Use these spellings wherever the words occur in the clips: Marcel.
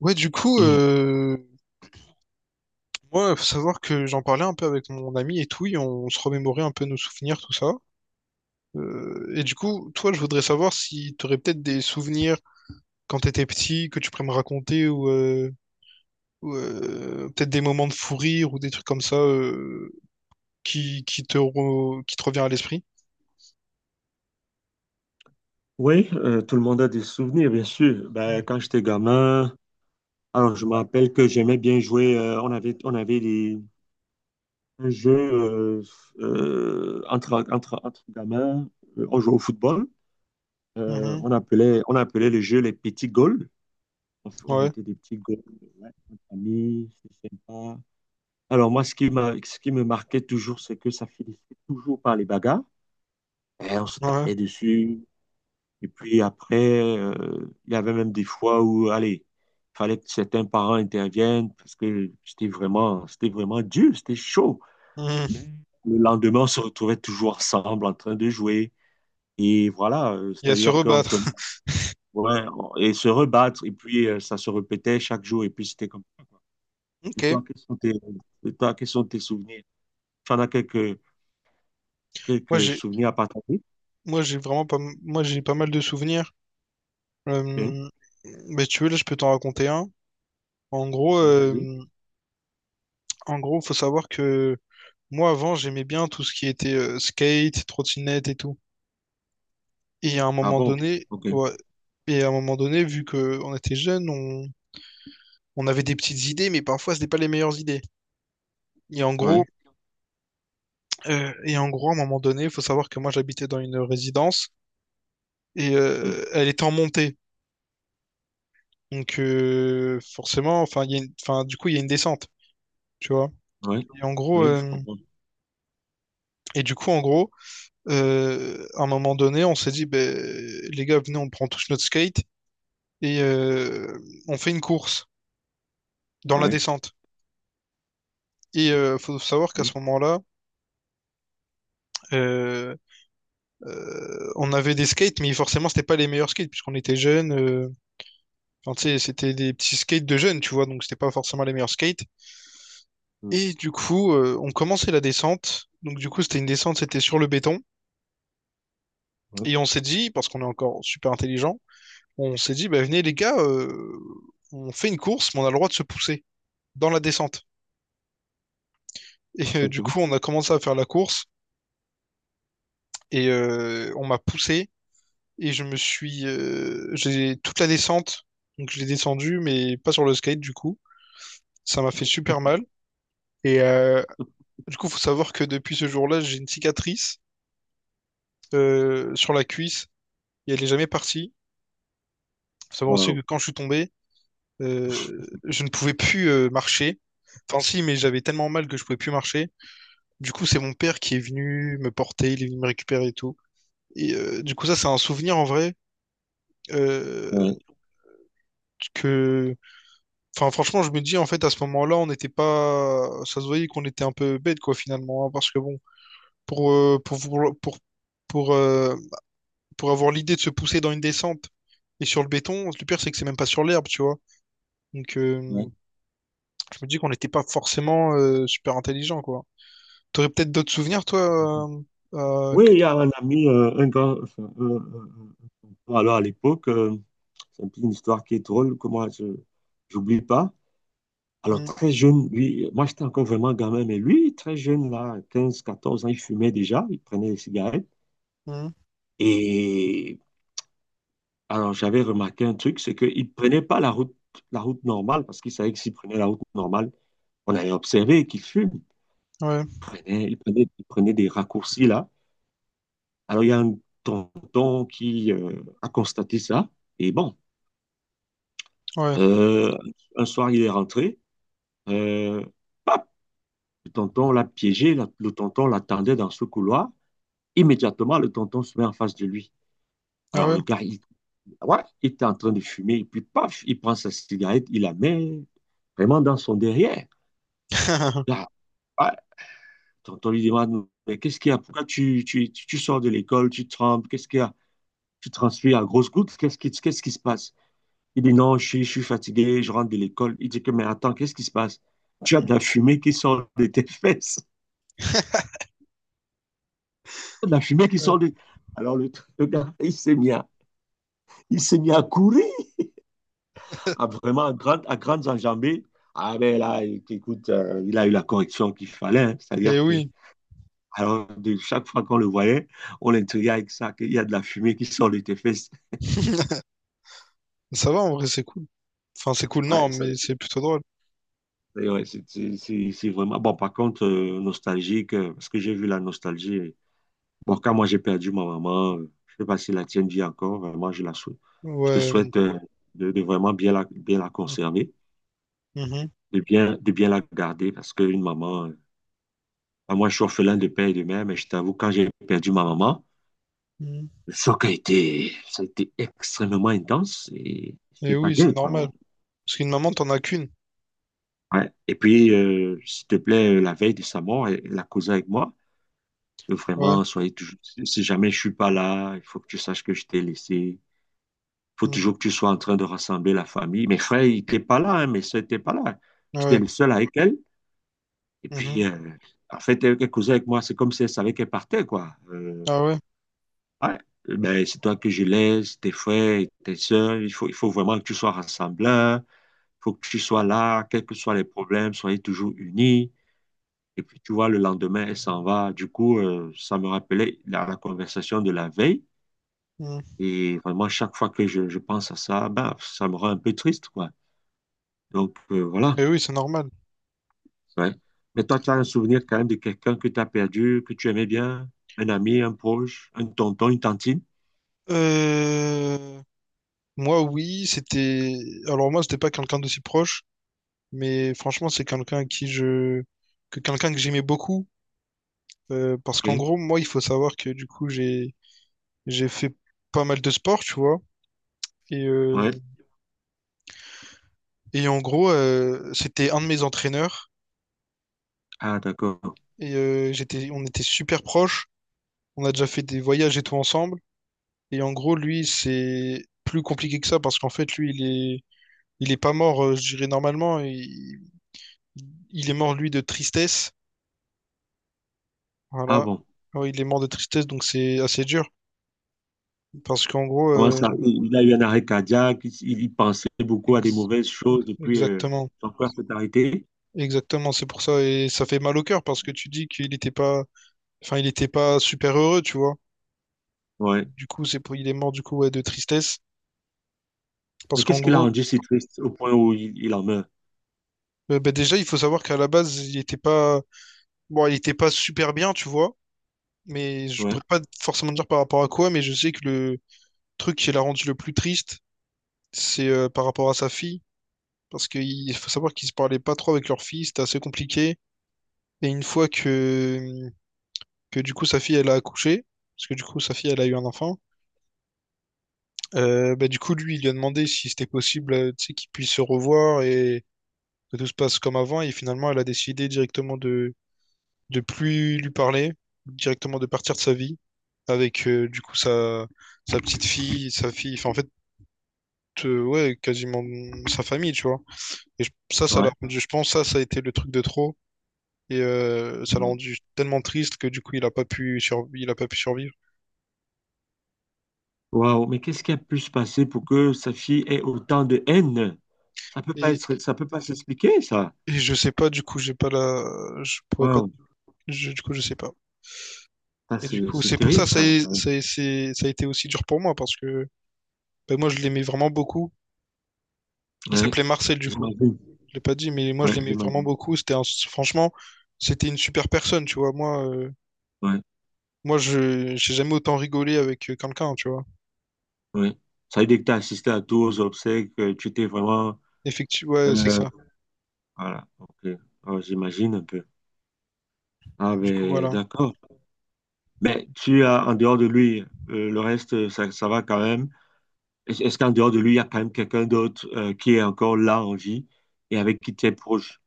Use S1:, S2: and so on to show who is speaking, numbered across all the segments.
S1: Ouais, du coup,
S2: Mhm.
S1: moi, faut savoir que j'en parlais un peu avec mon ami et tout, et on se remémorait un peu nos souvenirs, tout ça. Et du coup, toi, je voudrais savoir si tu aurais peut-être des souvenirs quand t'étais petit que tu pourrais me raconter, ou, peut-être des moments de fou rire ou des trucs comme ça, qui te revient à l'esprit.
S2: Oui, tout le monde a des souvenirs, bien sûr.
S1: Mhm.
S2: Ben, quand j'étais gamin, alors je me rappelle que j'aimais bien jouer. On avait un jeu entre gamins. On jouait au football. Euh,
S1: Mhm.
S2: on appelait, on appelait le jeu les petits goals. On
S1: Ouais,
S2: mettait des petits goals. Ouais, entre amis, c'est sympa. Alors moi, ce qui me marquait toujours, c'est que ça finissait toujours par les bagarres. Et on se
S1: ouais.
S2: tapait dessus. Et puis après, euh, il y avait même des fois où, allez, il fallait que certains parents interviennent parce que c'était vraiment dur, c'était chaud.
S1: Mhm.
S2: Mais le lendemain, on se retrouvait toujours ensemble en train de jouer. Et voilà,
S1: Il y a se
S2: c'est-à-dire qu'on
S1: rebattre.
S2: tenait, ouais, et se rebattre. Et puis, ça se répétait chaque jour. Et puis, c'était comme.
S1: Ok.
S2: Et toi, quels sont tes, et toi, quels sont tes souvenirs? Tu en as quelques,
S1: Moi,
S2: quelques
S1: j'ai
S2: souvenirs à partager?
S1: Moi, j'ai vraiment pas, moi, j'ai pas mal de souvenirs.
S2: Hein.
S1: Euh, mais tu veux, là, je peux t'en raconter un. En gros, euh,
S2: Vas-y.
S1: en gros, faut savoir que moi, avant, j'aimais bien tout ce qui était, skate, trottinette et tout. Et à un
S2: Ah
S1: moment
S2: bon?
S1: donné,
S2: OK.
S1: ouais, et à un moment donné, vu que on était jeunes, on avait des petites idées, mais parfois, c'était pas les meilleures idées. Et en gros,
S2: Ouais.
S1: et en gros, à un moment donné, faut savoir que moi, j'habitais dans une résidence et
S2: Hmm.
S1: elle était en montée. Donc, forcément, enfin, il y a une- enfin, du coup, il y a une descente, tu vois.
S2: Ouais.
S1: Et en gros,
S2: Oui, je comprends.
S1: et du coup, en gros, à un moment donné, on s'est dit, ben, les gars, venez, on prend tous notre skate et on fait une course dans la
S2: Ouais.
S1: descente. Et faut savoir qu'à
S2: Oui,
S1: ce moment-là, euh, on avait des skates, mais forcément, c'était pas les meilleurs skates puisqu'on était jeunes. Euh, enfin, tu sais, c'était des petits skates de jeunes, tu vois, donc c'était pas forcément les meilleurs skates.
S2: oui,
S1: Et du coup, on commençait la descente. Donc du coup, c'était une descente, c'était sur le béton.
S2: oui,
S1: Et on s'est dit, parce qu'on est encore super intelligent, on s'est dit, bah, venez les gars, on fait une course, mais on a le droit de se pousser dans la descente. Et du
S2: ok.
S1: coup, on a commencé à faire la course et on m'a poussé et je me suis, j'ai toute la descente, donc je l'ai descendu, mais pas sur le skate du coup. Ça m'a fait super mal. Et du coup, faut savoir que depuis ce jour-là, j'ai une cicatrice sur la cuisse et elle est jamais partie. Faut savoir aussi
S2: Waouh.
S1: que quand je suis tombé, je ne pouvais plus marcher. Enfin si, mais j'avais tellement mal que je pouvais plus marcher. Du coup, c'est mon père qui est venu me porter, il est venu me récupérer et tout. Et du coup, ça, c'est un souvenir en vrai euh,
S2: Ouais,
S1: que, enfin, franchement, je me dis en fait à ce moment-là, on n'était pas, ça se voyait qu'on était un peu bête quoi finalement, hein, parce que bon, pour euh, pour pour pour pour, euh, pour avoir l'idée de se pousser dans une descente et sur le béton, le pire c'est que c'est même pas sur l'herbe, tu vois. Donc,
S2: ouais.
S1: je me dis qu'on n'était pas forcément super intelligent quoi. T'aurais peut-être d'autres souvenirs toi euh,
S2: Oui,
S1: que
S2: il y
S1: t'as-
S2: a un ami, un gars, enfin, alors à l'époque, c'est un peu une histoire qui est drôle, que moi, je n'oublie pas. Alors,
S1: Hmm,
S2: très jeune, lui, moi, j'étais encore vraiment gamin, mais lui, très jeune, là, 15, 14 ans, il fumait déjà, il prenait des cigarettes. Et alors, j'avais remarqué un truc, c'est qu'il ne prenait pas la route normale, parce qu'il savait que s'il prenait la route normale, on allait observer qu'il fume.
S1: hmm, ouais,
S2: Il prenait des raccourcis, là. Alors, il y a un tonton qui a constaté ça. Et bon,
S1: ouais,
S2: euh, un soir, il est rentré. Euh, paf, le tonton l'a piégé. Le tonton l'attendait dans ce couloir. Immédiatement, le tonton se met en face de lui.
S1: ah
S2: Alors,
S1: ouais.
S2: le gars, il, ouais, il était en train de fumer. Et puis, paf, il prend sa cigarette, il la met vraiment dans son derrière. Là, ouais, le tonton lui demande, mais qu'est-ce qu'il y a? Pourquoi tu sors de l'école? Tu trembles? Qu'est-ce qu'il y a? Tu transpires à grosses gouttes? Qu'est-ce qui se passe? Il dit non, je suis fatigué, je rentre de l'école. Il dit que, mais attends, qu'est-ce qui se passe? Tu as de la fumée qui sort de tes fesses. De la fumée qui
S1: Ouais.
S2: sort de... Alors le gars, il s'est mis à courir, à vraiment à grandes enjambées. Ah ben là, écoute, il a eu la correction qu'il fallait. Hein.
S1: Et
S2: C'est-à-dire que,
S1: oui,
S2: alors, de chaque fois qu'on le voyait, on l'intriguait avec ça, qu'il y a de la fumée qui sort de tes fesses.
S1: ça va en vrai, c'est cool. Enfin, c'est cool,
S2: Ouais,
S1: non, mais c'est plutôt drôle.
S2: c'est vraiment... Bon, par contre, nostalgique, parce que j'ai vu la nostalgie. Bon, quand moi j'ai perdu ma maman, je sais pas si la tienne vit encore, vraiment, je la souhaite. Je te
S1: Ouais.
S2: souhaite de vraiment bien la
S1: Mm,
S2: conserver,
S1: mhm,
S2: de bien la garder, parce qu'une maman, ah, moi je suis orphelin de père et de mère, mais je t'avoue, quand j'ai perdu ma maman,
S1: mhm.
S2: le choc a été, ça a été extrêmement intense et
S1: Et
S2: c'était pas
S1: oui,
S2: gay,
S1: c'est normal.
S2: quoi.
S1: Parce qu'une maman, t'en as qu'une.
S2: Ouais. Et puis, s'il te plaît, la veille de sa mort, elle a causé avec moi.
S1: Ouais.
S2: Vraiment, soyez toujours, si jamais je suis pas là, il faut que tu saches que je t'ai laissé. Faut
S1: Mm,
S2: toujours que tu sois en train de rassembler la famille. Mes frères, ils n'étaient pas là, hein, mes soeurs n'étaient pas là.
S1: ah
S2: J'étais
S1: ouais.
S2: le seul avec elle. Et
S1: Mhm.
S2: puis, en fait, elle causait avec moi, c'est comme si elle savait qu'elle partait, quoi.
S1: Ah ouais.
S2: Ouais, ben, c'est toi que je laisse, tes frères, tes soeurs. Il faut vraiment que tu sois rassembleur. Il faut que tu sois là, quels que soient les problèmes, soyez toujours unis. Et puis, tu vois, le lendemain, elle s'en va. Du coup, ça me rappelait la conversation de la veille.
S1: Mm.
S2: Et vraiment, chaque fois que je pense à ça, ben, ça me rend un peu triste, quoi. Donc, voilà.
S1: Et oui, c'est normal.
S2: Ouais. Mais toi, tu as un souvenir quand même de quelqu'un que tu as perdu, que tu aimais bien, un ami, un proche, un tonton, une tantine.
S1: Euh... Moi, oui, c'était. Alors, moi, c'était pas quelqu'un d'aussi proche, mais franchement, c'est quelqu'un à qui je. Que quelqu'un que j'aimais beaucoup. Euh, parce qu'en
S2: OK.
S1: gros, moi, il faut savoir que du coup, j'ai fait pas mal de sport, tu vois. Et,
S2: Ouais.
S1: et en gros, c'était un de mes entraîneurs.
S2: Ah, d'accord.
S1: Et j'étais, on était super proches. On a déjà fait des voyages et tout ensemble. Et en gros, lui, c'est plus compliqué que ça parce qu'en fait, lui, est, il est pas mort, je dirais normalement. Il est mort, lui, de tristesse.
S2: Ah
S1: Voilà.
S2: bon.
S1: Ouais, il est mort de tristesse, donc c'est assez dur. Parce qu'en gros,
S2: Comment ça? Il a eu un arrêt cardiaque, il y pensait beaucoup à des
S1: ex-
S2: mauvaises choses, et puis
S1: exactement.
S2: son cœur s'est arrêté.
S1: Exactement, c'est pour ça. Et ça fait mal au cœur parce que tu dis qu'il était pas, enfin, il était pas super heureux, tu vois.
S2: Ouais.
S1: Du coup, c'est pour, il est mort, du coup, ouais, de tristesse. Parce
S2: Mais
S1: qu'en
S2: qu'est-ce qui l'a
S1: gros,
S2: rendu si triste au point où il en meurt?
S1: bah, déjà, il faut savoir qu'à la base, il était pas... Bon, il était pas super bien, tu vois. Mais je
S2: Ouais.
S1: pourrais pas forcément dire par rapport à quoi, mais je sais que le truc qui l'a rendu le plus triste, c'est par rapport à sa fille. Parce qu'il faut savoir qu'ils se parlaient pas trop avec leur fille, c'était assez compliqué. Et une fois que du coup sa fille elle a accouché, parce que du coup sa fille elle a eu un enfant, bah, du coup lui il lui a demandé si c'était possible tu sais, qu'ils puissent se revoir et que tout se passe comme avant. Et finalement elle a décidé directement de plus lui parler, directement de partir de sa vie avec du coup sa, sa petite fille, sa fille, enfin en fait, ouais, quasiment sa famille, tu vois. Et je- ça l'a
S2: Ouais.
S1: rendu, je pense, ça a été le truc de trop. Et ça l'a
S2: Ouais.
S1: rendu tellement triste que du coup, il a pas pu survivre.
S2: Waouh, mais qu'est-ce qui a pu se passer pour que sa fille ait autant de haine? Ça peut pas
S1: Et,
S2: être, ça peut pas s'expliquer, ça.
S1: et je sais pas, du coup, j'ai pas la, je pourrais pas,
S2: Wow.
S1: je- du coup, je sais pas.
S2: Ah,
S1: Et du
S2: c'est
S1: coup,
S2: c'est
S1: c'est pour ça,
S2: terrible ça.
S1: ça a été aussi dur pour moi parce que ben, moi, je l'aimais vraiment beaucoup. Il
S2: Ouais,
S1: s'appelait Marcel, du coup.
S2: j'imagine.
S1: Je l'ai pas dit, mais moi
S2: Ouais,
S1: je l'aimais vraiment
S2: j'imagine.
S1: beaucoup. C'était un- franchement, c'était une super personne, tu vois. Moi,
S2: Ouais,
S1: moi je j'ai jamais autant rigolé avec quelqu'un, tu vois.
S2: ouais. Ça veut dire que tu as assisté à tous aux obsèques, tu t'es vraiment.
S1: Effectivement, ouais, c'est
S2: euh,
S1: ça.
S2: voilà, ok. Oh, j'imagine un peu. Ah,
S1: Du coup,
S2: ben,
S1: voilà.
S2: d'accord. Mais tu as, en dehors de lui, le reste, ça va quand même. Est-ce qu'en dehors de lui, il y a quand même quelqu'un d'autre qui est encore là en vie et avec qui tu es proche?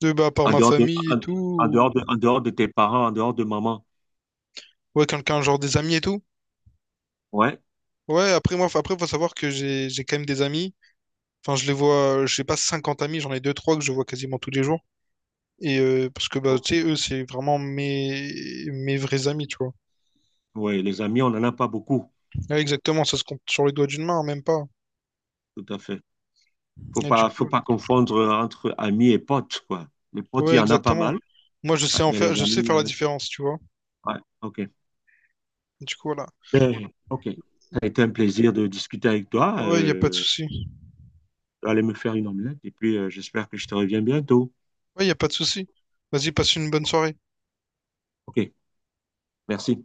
S1: De, bah, par
S2: En
S1: ma
S2: dehors de,
S1: famille et
S2: en,
S1: tout,
S2: en dehors de tes parents, en dehors de maman.
S1: ouais, quelqu'un, genre des amis et tout.
S2: Ouais,
S1: Ouais, après, après, faut savoir que j'ai quand même des amis. Enfin, je les vois, j'ai pas 50 amis, j'en ai deux trois que je vois quasiment tous les jours. Et parce que, bah,
S2: ok.
S1: tu sais, eux, c'est vraiment mes, mes vrais amis, tu vois.
S2: Ouais, les amis, on n'en a pas beaucoup.
S1: Ouais, exactement, ça se compte sur les doigts d'une main, même pas.
S2: Tout à fait. faut
S1: Et du
S2: pas, faut
S1: coup,
S2: pas confondre entre amis et potes, quoi. Les potes, il
S1: ouais,
S2: y en a pas
S1: exactement.
S2: mal,
S1: Moi, je sais
S2: ouais,
S1: en
S2: mais
S1: faire,
S2: les
S1: je sais
S2: amis, il y
S1: faire la
S2: en a.
S1: différence, tu vois.
S2: Ouais, ok.
S1: Du coup, voilà.
S2: Ben, ok. Ça a été un plaisir de discuter avec toi.
S1: Ouais, y a pas de souci.
S2: Je vais aller me faire une omelette et puis j'espère que je te reviens bientôt.
S1: Ouais, y a pas de souci. Vas-y, passe une bonne soirée.
S2: Ok, merci.